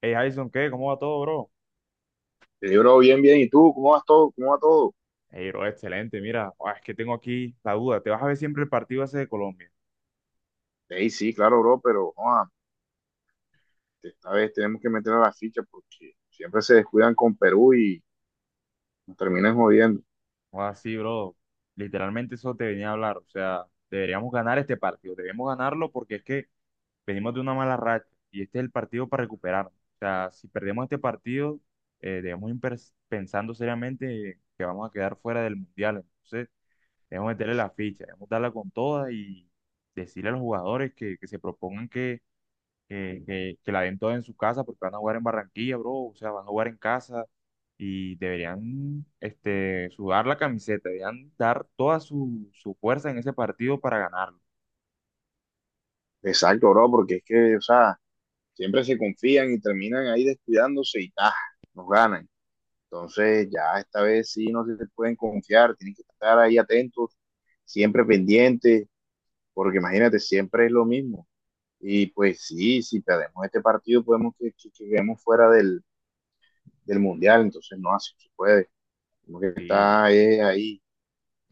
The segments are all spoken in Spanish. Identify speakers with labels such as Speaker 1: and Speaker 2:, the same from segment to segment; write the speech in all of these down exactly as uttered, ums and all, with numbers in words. Speaker 1: Hey, Jason, ¿qué? ¿Cómo va todo, bro?
Speaker 2: Le digo, bro, bien, bien. ¿Y tú? ¿Cómo vas todo? ¿Cómo va todo?
Speaker 1: Hey, bro, excelente. Mira, ah, es que tengo aquí la duda. ¿Te vas a ver siempre el partido ese de Colombia?
Speaker 2: Ey, sí, claro, bro, pero joa, esta vez tenemos que meter a la ficha porque siempre se descuidan con Perú y nos terminan jodiendo.
Speaker 1: Ah, sí, bro. Literalmente eso te venía a hablar. O sea, deberíamos ganar este partido. Debemos ganarlo porque es que venimos de una mala racha y este es el partido para recuperarnos. O sea, si perdemos este partido, eh, debemos ir pers- pensando seriamente que vamos a quedar fuera del Mundial. Entonces, debemos meterle la ficha, debemos darla con toda y decirle a los jugadores que, que se propongan que, que- que la den toda en su casa porque van a jugar en Barranquilla, bro, o sea, van a jugar en casa y deberían este, sudar la camiseta, deberían dar toda su, su fuerza en ese partido para ganarlo.
Speaker 2: Exacto, bro, porque es que, o sea, siempre se confían y terminan ahí descuidándose y ¡ah! Nos ganan. Entonces, ya esta vez sí no se pueden confiar, tienen que estar ahí atentos, siempre pendientes, porque imagínate, siempre es lo mismo. Y pues sí, si perdemos este partido, podemos que, que- que quedemos fuera del del mundial, entonces no así se puede. Como que
Speaker 1: Sí,
Speaker 2: está eh, ahí.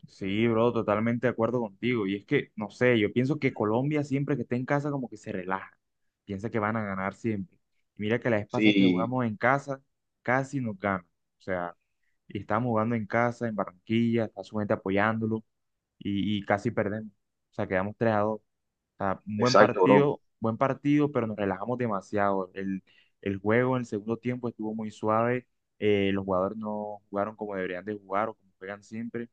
Speaker 1: sí, bro, totalmente de acuerdo contigo. Y es que, no sé, yo pienso que Colombia siempre que está en casa como que se relaja, piensa que van a ganar siempre. Y mira que la vez pasada que
Speaker 2: Sí,
Speaker 1: jugamos en casa, casi nos ganan. O sea, y estamos jugando en casa, en Barranquilla, está su gente apoyándolo y, y casi perdemos. O sea, quedamos tres a dos. O sea, un buen
Speaker 2: exacto, bro.
Speaker 1: partido, buen partido, pero nos relajamos demasiado. El, el juego en el segundo tiempo estuvo muy suave. eh, los jugadores no jugaron como deberían de jugar o como juegan siempre.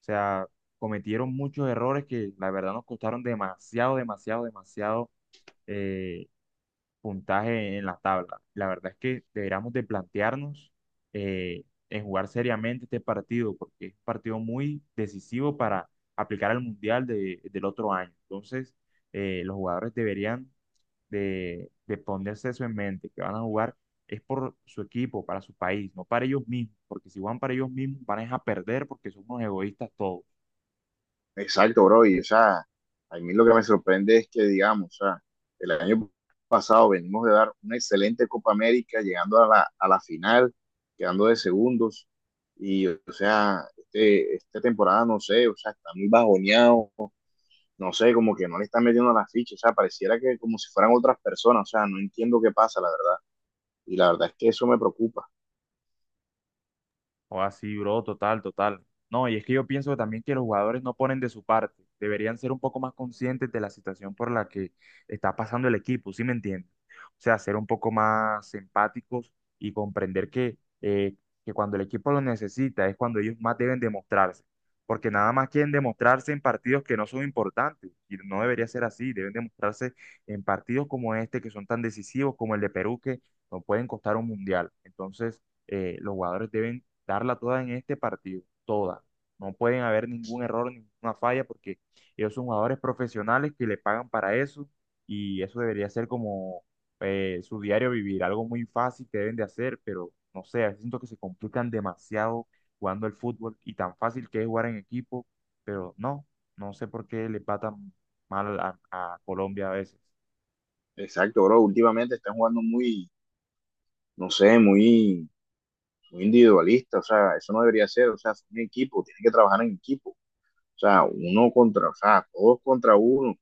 Speaker 1: O sea, cometieron muchos errores que la verdad nos costaron demasiado, demasiado, demasiado eh, puntaje en la tabla. La verdad es que deberíamos de plantearnos eh, en jugar seriamente este partido, porque es un partido muy decisivo para aplicar al Mundial de- del otro año. Entonces, eh, los jugadores deberían de, de ponerse eso en mente, que van a jugar es por su equipo, para su país, no para ellos mismos, porque si van para ellos mismos van a dejar perder porque son unos egoístas todos.
Speaker 2: Exacto, bro. Y o sea, a mí lo que me sorprende es que, digamos, o sea, el año pasado venimos de dar una excelente Copa América, llegando a la, a la final, quedando de segundos. Y, o sea, este, esta temporada, no sé, o sea, está muy bajoneado, no sé, como que no le están metiendo las fichas, o sea, pareciera que como si fueran otras personas, o sea, no entiendo qué pasa, la verdad. Y la verdad es que eso me preocupa.
Speaker 1: O así, bro, total, total. No, y es que yo pienso también que los jugadores no ponen de su parte. Deberían ser un poco más conscientes de la situación por la que está pasando el equipo, ¿sí me entiendes? O sea, ser un poco más empáticos y comprender que, eh, que cuando el equipo lo necesita es cuando ellos más deben demostrarse. Porque nada más quieren demostrarse en partidos que no son importantes. Y no debería ser así. Deben demostrarse en partidos como este, que son tan decisivos como el de Perú, que no pueden costar un mundial. Entonces eh, los jugadores deben darla toda en este partido, toda. No pueden haber ningún error, ninguna falla, porque ellos son jugadores profesionales que le pagan para eso y eso debería ser como eh, su diario vivir, algo muy fácil que deben de hacer, pero no sé, a veces siento que se complican demasiado jugando el fútbol y tan fácil que es jugar en equipo, pero no, no sé por qué le patan mal a, a Colombia a veces.
Speaker 2: Exacto, bro. Últimamente están jugando muy, no sé, muy, muy individualista. O sea, eso no debería ser. O sea, es un equipo, tienen que trabajar en equipo. O sea, uno contra, o sea, todos contra uno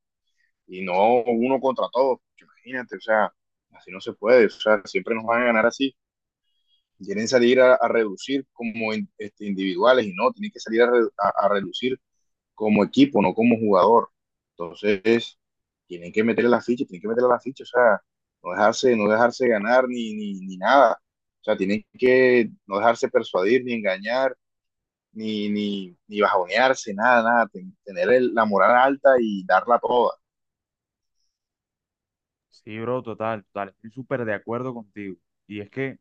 Speaker 2: y no uno contra todos. Porque imagínate, o sea, así no se puede. O sea, siempre nos van a ganar así. Quieren salir a, a reducir como in- este, individuales y no, tienen que salir a, re- a- a reducir como equipo, no como jugador. Entonces, tienen que meterle la ficha, tienen que meterle la ficha, o sea, no dejarse, no dejarse ganar ni, ni, ni nada. O sea, tienen que no dejarse persuadir, ni engañar, ni, ni, ni bajonearse, nada, nada. Ten- Tener el- la moral alta y darla toda.
Speaker 1: Sí, bro, total, total. Estoy súper de acuerdo contigo. Y es que,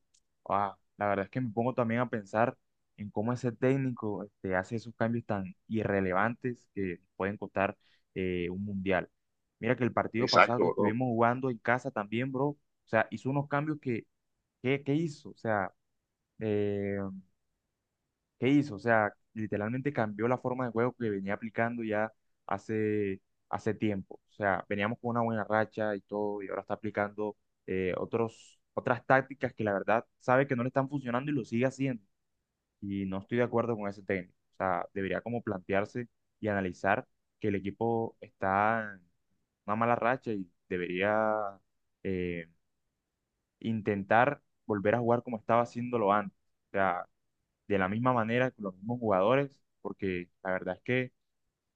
Speaker 1: ah, la verdad es que me pongo también a pensar en cómo ese técnico este, hace esos cambios tan irrelevantes que pueden costar eh, un mundial. Mira que el partido pasado
Speaker 2: Exacto,
Speaker 1: que
Speaker 2: bro.
Speaker 1: estuvimos jugando en casa también, bro, o sea, hizo unos cambios que, ¿qué, qué hizo? O sea, eh, ¿qué hizo? O sea, literalmente cambió la forma de juego que venía aplicando ya hace, hace tiempo. O sea, veníamos con una buena racha y todo, y ahora está aplicando eh, otros, otras tácticas que la verdad sabe que no le están funcionando y lo sigue haciendo. Y no estoy de acuerdo con ese técnico. O sea, debería como plantearse y analizar que el equipo está en una mala racha y debería eh, intentar volver a jugar como estaba haciéndolo antes. O sea, de la misma manera con los mismos jugadores, porque la verdad es que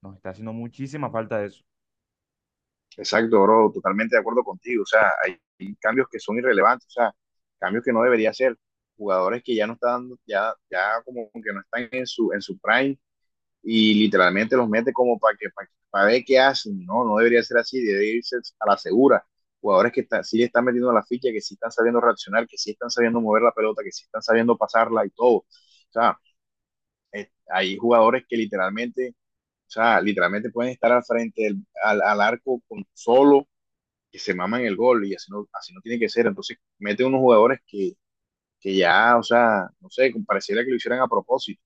Speaker 1: nos está haciendo muchísima falta eso.
Speaker 2: Exacto, bro. Totalmente de acuerdo contigo. O sea, hay, hay cambios que son irrelevantes, o sea, cambios que no debería hacer. Jugadores que ya no están, ya, ya como que no están en su, en su prime y literalmente los mete como para que para, para ver qué hacen. No, no debería ser así, debería irse a la segura. Jugadores que está, sí le están metiendo la ficha, que sí están sabiendo reaccionar, que sí están sabiendo mover la pelota, que sí están sabiendo pasarla y todo. O sea, eh, hay jugadores que literalmente, o sea, literalmente pueden estar al frente del, al, al, arco con solo que se maman el gol y así no, así no tiene que ser. Entonces, mete unos jugadores que, que ya, o sea, no sé, pareciera que lo hicieran a propósito.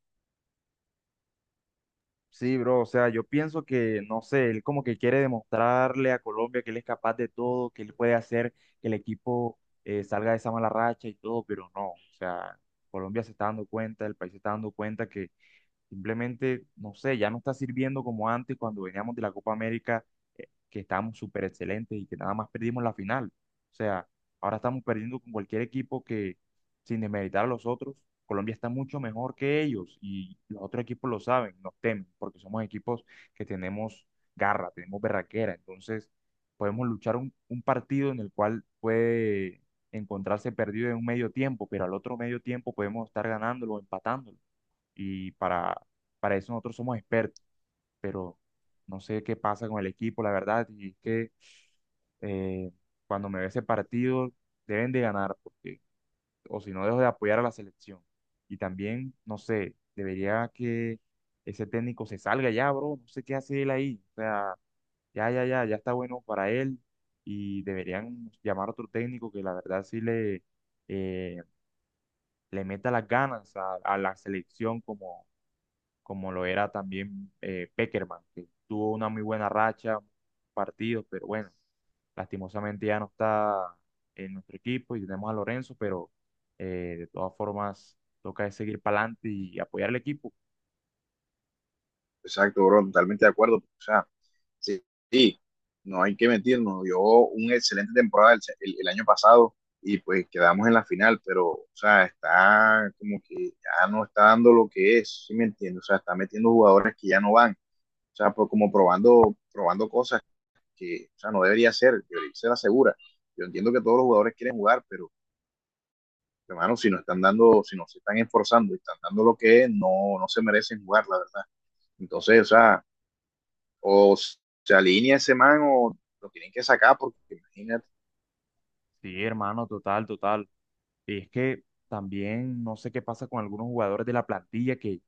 Speaker 1: Sí, bro, o sea, yo pienso que, no sé, él como que quiere demostrarle a Colombia que él es capaz de todo, que él puede hacer que el equipo eh, salga de esa mala racha y todo, pero no, o sea, Colombia se está dando cuenta, el país se está dando cuenta que simplemente, no sé, ya no está sirviendo como antes cuando veníamos de la Copa América, eh, que estábamos súper excelentes y que nada más perdimos la final. O sea, ahora estamos perdiendo con cualquier equipo que, sin desmeritar a los otros, Colombia está mucho mejor que ellos y los otros equipos lo saben, nos temen, porque somos equipos que tenemos garra, tenemos berraquera. Entonces, podemos luchar un, un partido en el cual puede encontrarse perdido en un medio tiempo, pero al otro medio tiempo podemos estar ganándolo o empatándolo y para, para eso nosotros somos expertos, pero no sé qué pasa con el equipo, la verdad, y es que eh, cuando me ve ese partido deben de ganar, porque, o si no dejo de apoyar a la selección. Y también, no sé, debería que ese técnico se salga ya, bro, no sé qué hace él ahí, o sea, ya, ya, ya, ya está bueno para él y deberían llamar a otro técnico que la verdad sí le, eh, le meta las ganas a, a la selección como como lo era también eh, Pekerman, que tuvo una muy buena racha, partidos, pero bueno, lastimosamente ya no está en nuestro equipo y tenemos a Lorenzo, pero eh, de todas formas toca es seguir para adelante y apoyar al equipo.
Speaker 2: Exacto, bro, totalmente de acuerdo. O sea, sí, sí, no hay que mentirnos, dio una excelente temporada el, el- el año pasado y pues quedamos en la final, pero, o sea, está como que ya no está dando lo que es, ¿sí me entiendes? O sea, está metiendo jugadores que ya no van, o sea, pues como probando, probando cosas que, o sea, no debería ser, debería ser la segura. Yo entiendo que todos los jugadores quieren jugar, pero, hermano, si no están dando, si no se están esforzando y están dando lo que es, no, no se merecen jugar, la verdad. Entonces, o sea, o se alinea ese man o lo tienen que sacar porque imagínate.
Speaker 1: Sí, hermano, total, total. Y es que también no sé qué pasa con algunos jugadores de la plantilla que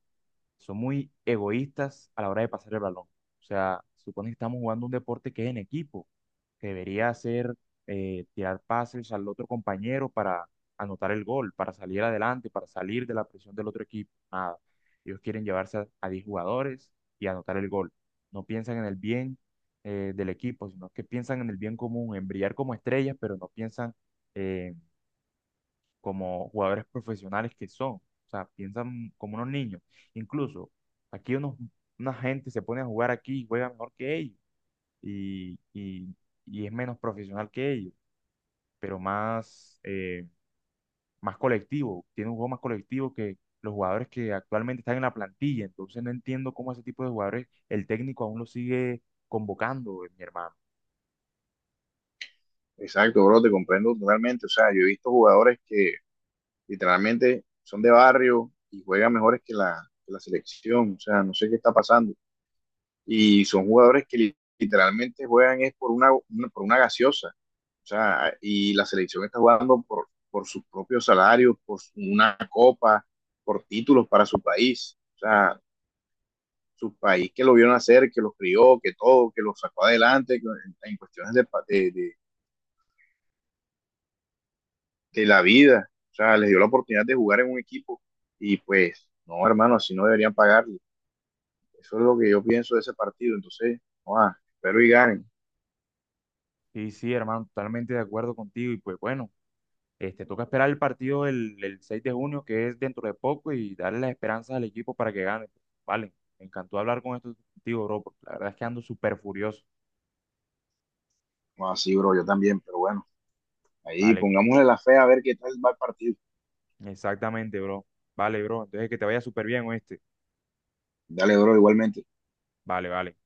Speaker 1: son muy egoístas a la hora de pasar el balón. O sea, supone que estamos jugando un deporte que es en equipo. Debería hacer eh, tirar pases al otro compañero para anotar el gol, para salir adelante, para salir de la presión del otro equipo. Nada. Ellos quieren llevarse a, a diez jugadores y anotar el gol. No piensan en el bien eh, del equipo, sino que piensan en el bien común, en brillar como estrellas, pero no piensan eh, como jugadores profesionales que son. O sea, piensan como unos niños. Incluso aquí unos, una gente se pone a jugar aquí y juega mejor que ellos y, y- y es menos profesional que ellos, pero más, eh, más colectivo, tiene un juego más colectivo que los jugadores que actualmente están en la plantilla, entonces no entiendo cómo ese tipo de jugadores el técnico aún lo sigue convocando, eh, mi hermano.
Speaker 2: Exacto, bro, te comprendo totalmente. O sea, yo he visto jugadores que literalmente son de barrio y juegan mejores que la, que la selección. O sea, no sé qué está pasando. Y son jugadores que li- literalmente juegan es por una, una- por una gaseosa. O sea, y la selección está jugando por, por sus propios salarios, por su- una copa, por títulos para su país. O sea, su país que lo vio nacer que lo crió, que todo, que lo sacó adelante que, en, en, cuestiones de, de, de, de, la vida. O sea, les dio la oportunidad de jugar en un equipo y pues, no, hermano, así no deberían pagarle. Eso es lo que yo pienso de ese partido. Entonces, no, ah, espero y ganen.
Speaker 1: Sí, sí, hermano, totalmente de acuerdo contigo y pues bueno, este, toca esperar el partido el, el seis de junio, que es dentro de poco, y darle las esperanzas al equipo para que gane. Pues, vale, me encantó hablar con esto contigo, bro, porque la verdad es que ando súper furioso.
Speaker 2: Ah, sí, bro, yo también, pero bueno, ahí
Speaker 1: Vale,
Speaker 2: pongámosle la fe a ver qué tal va el partido.
Speaker 1: exactamente, bro. Vale, bro. Entonces que te vaya súper bien, ¿oíste?
Speaker 2: Dale, bro, igualmente.
Speaker 1: Vale, vale.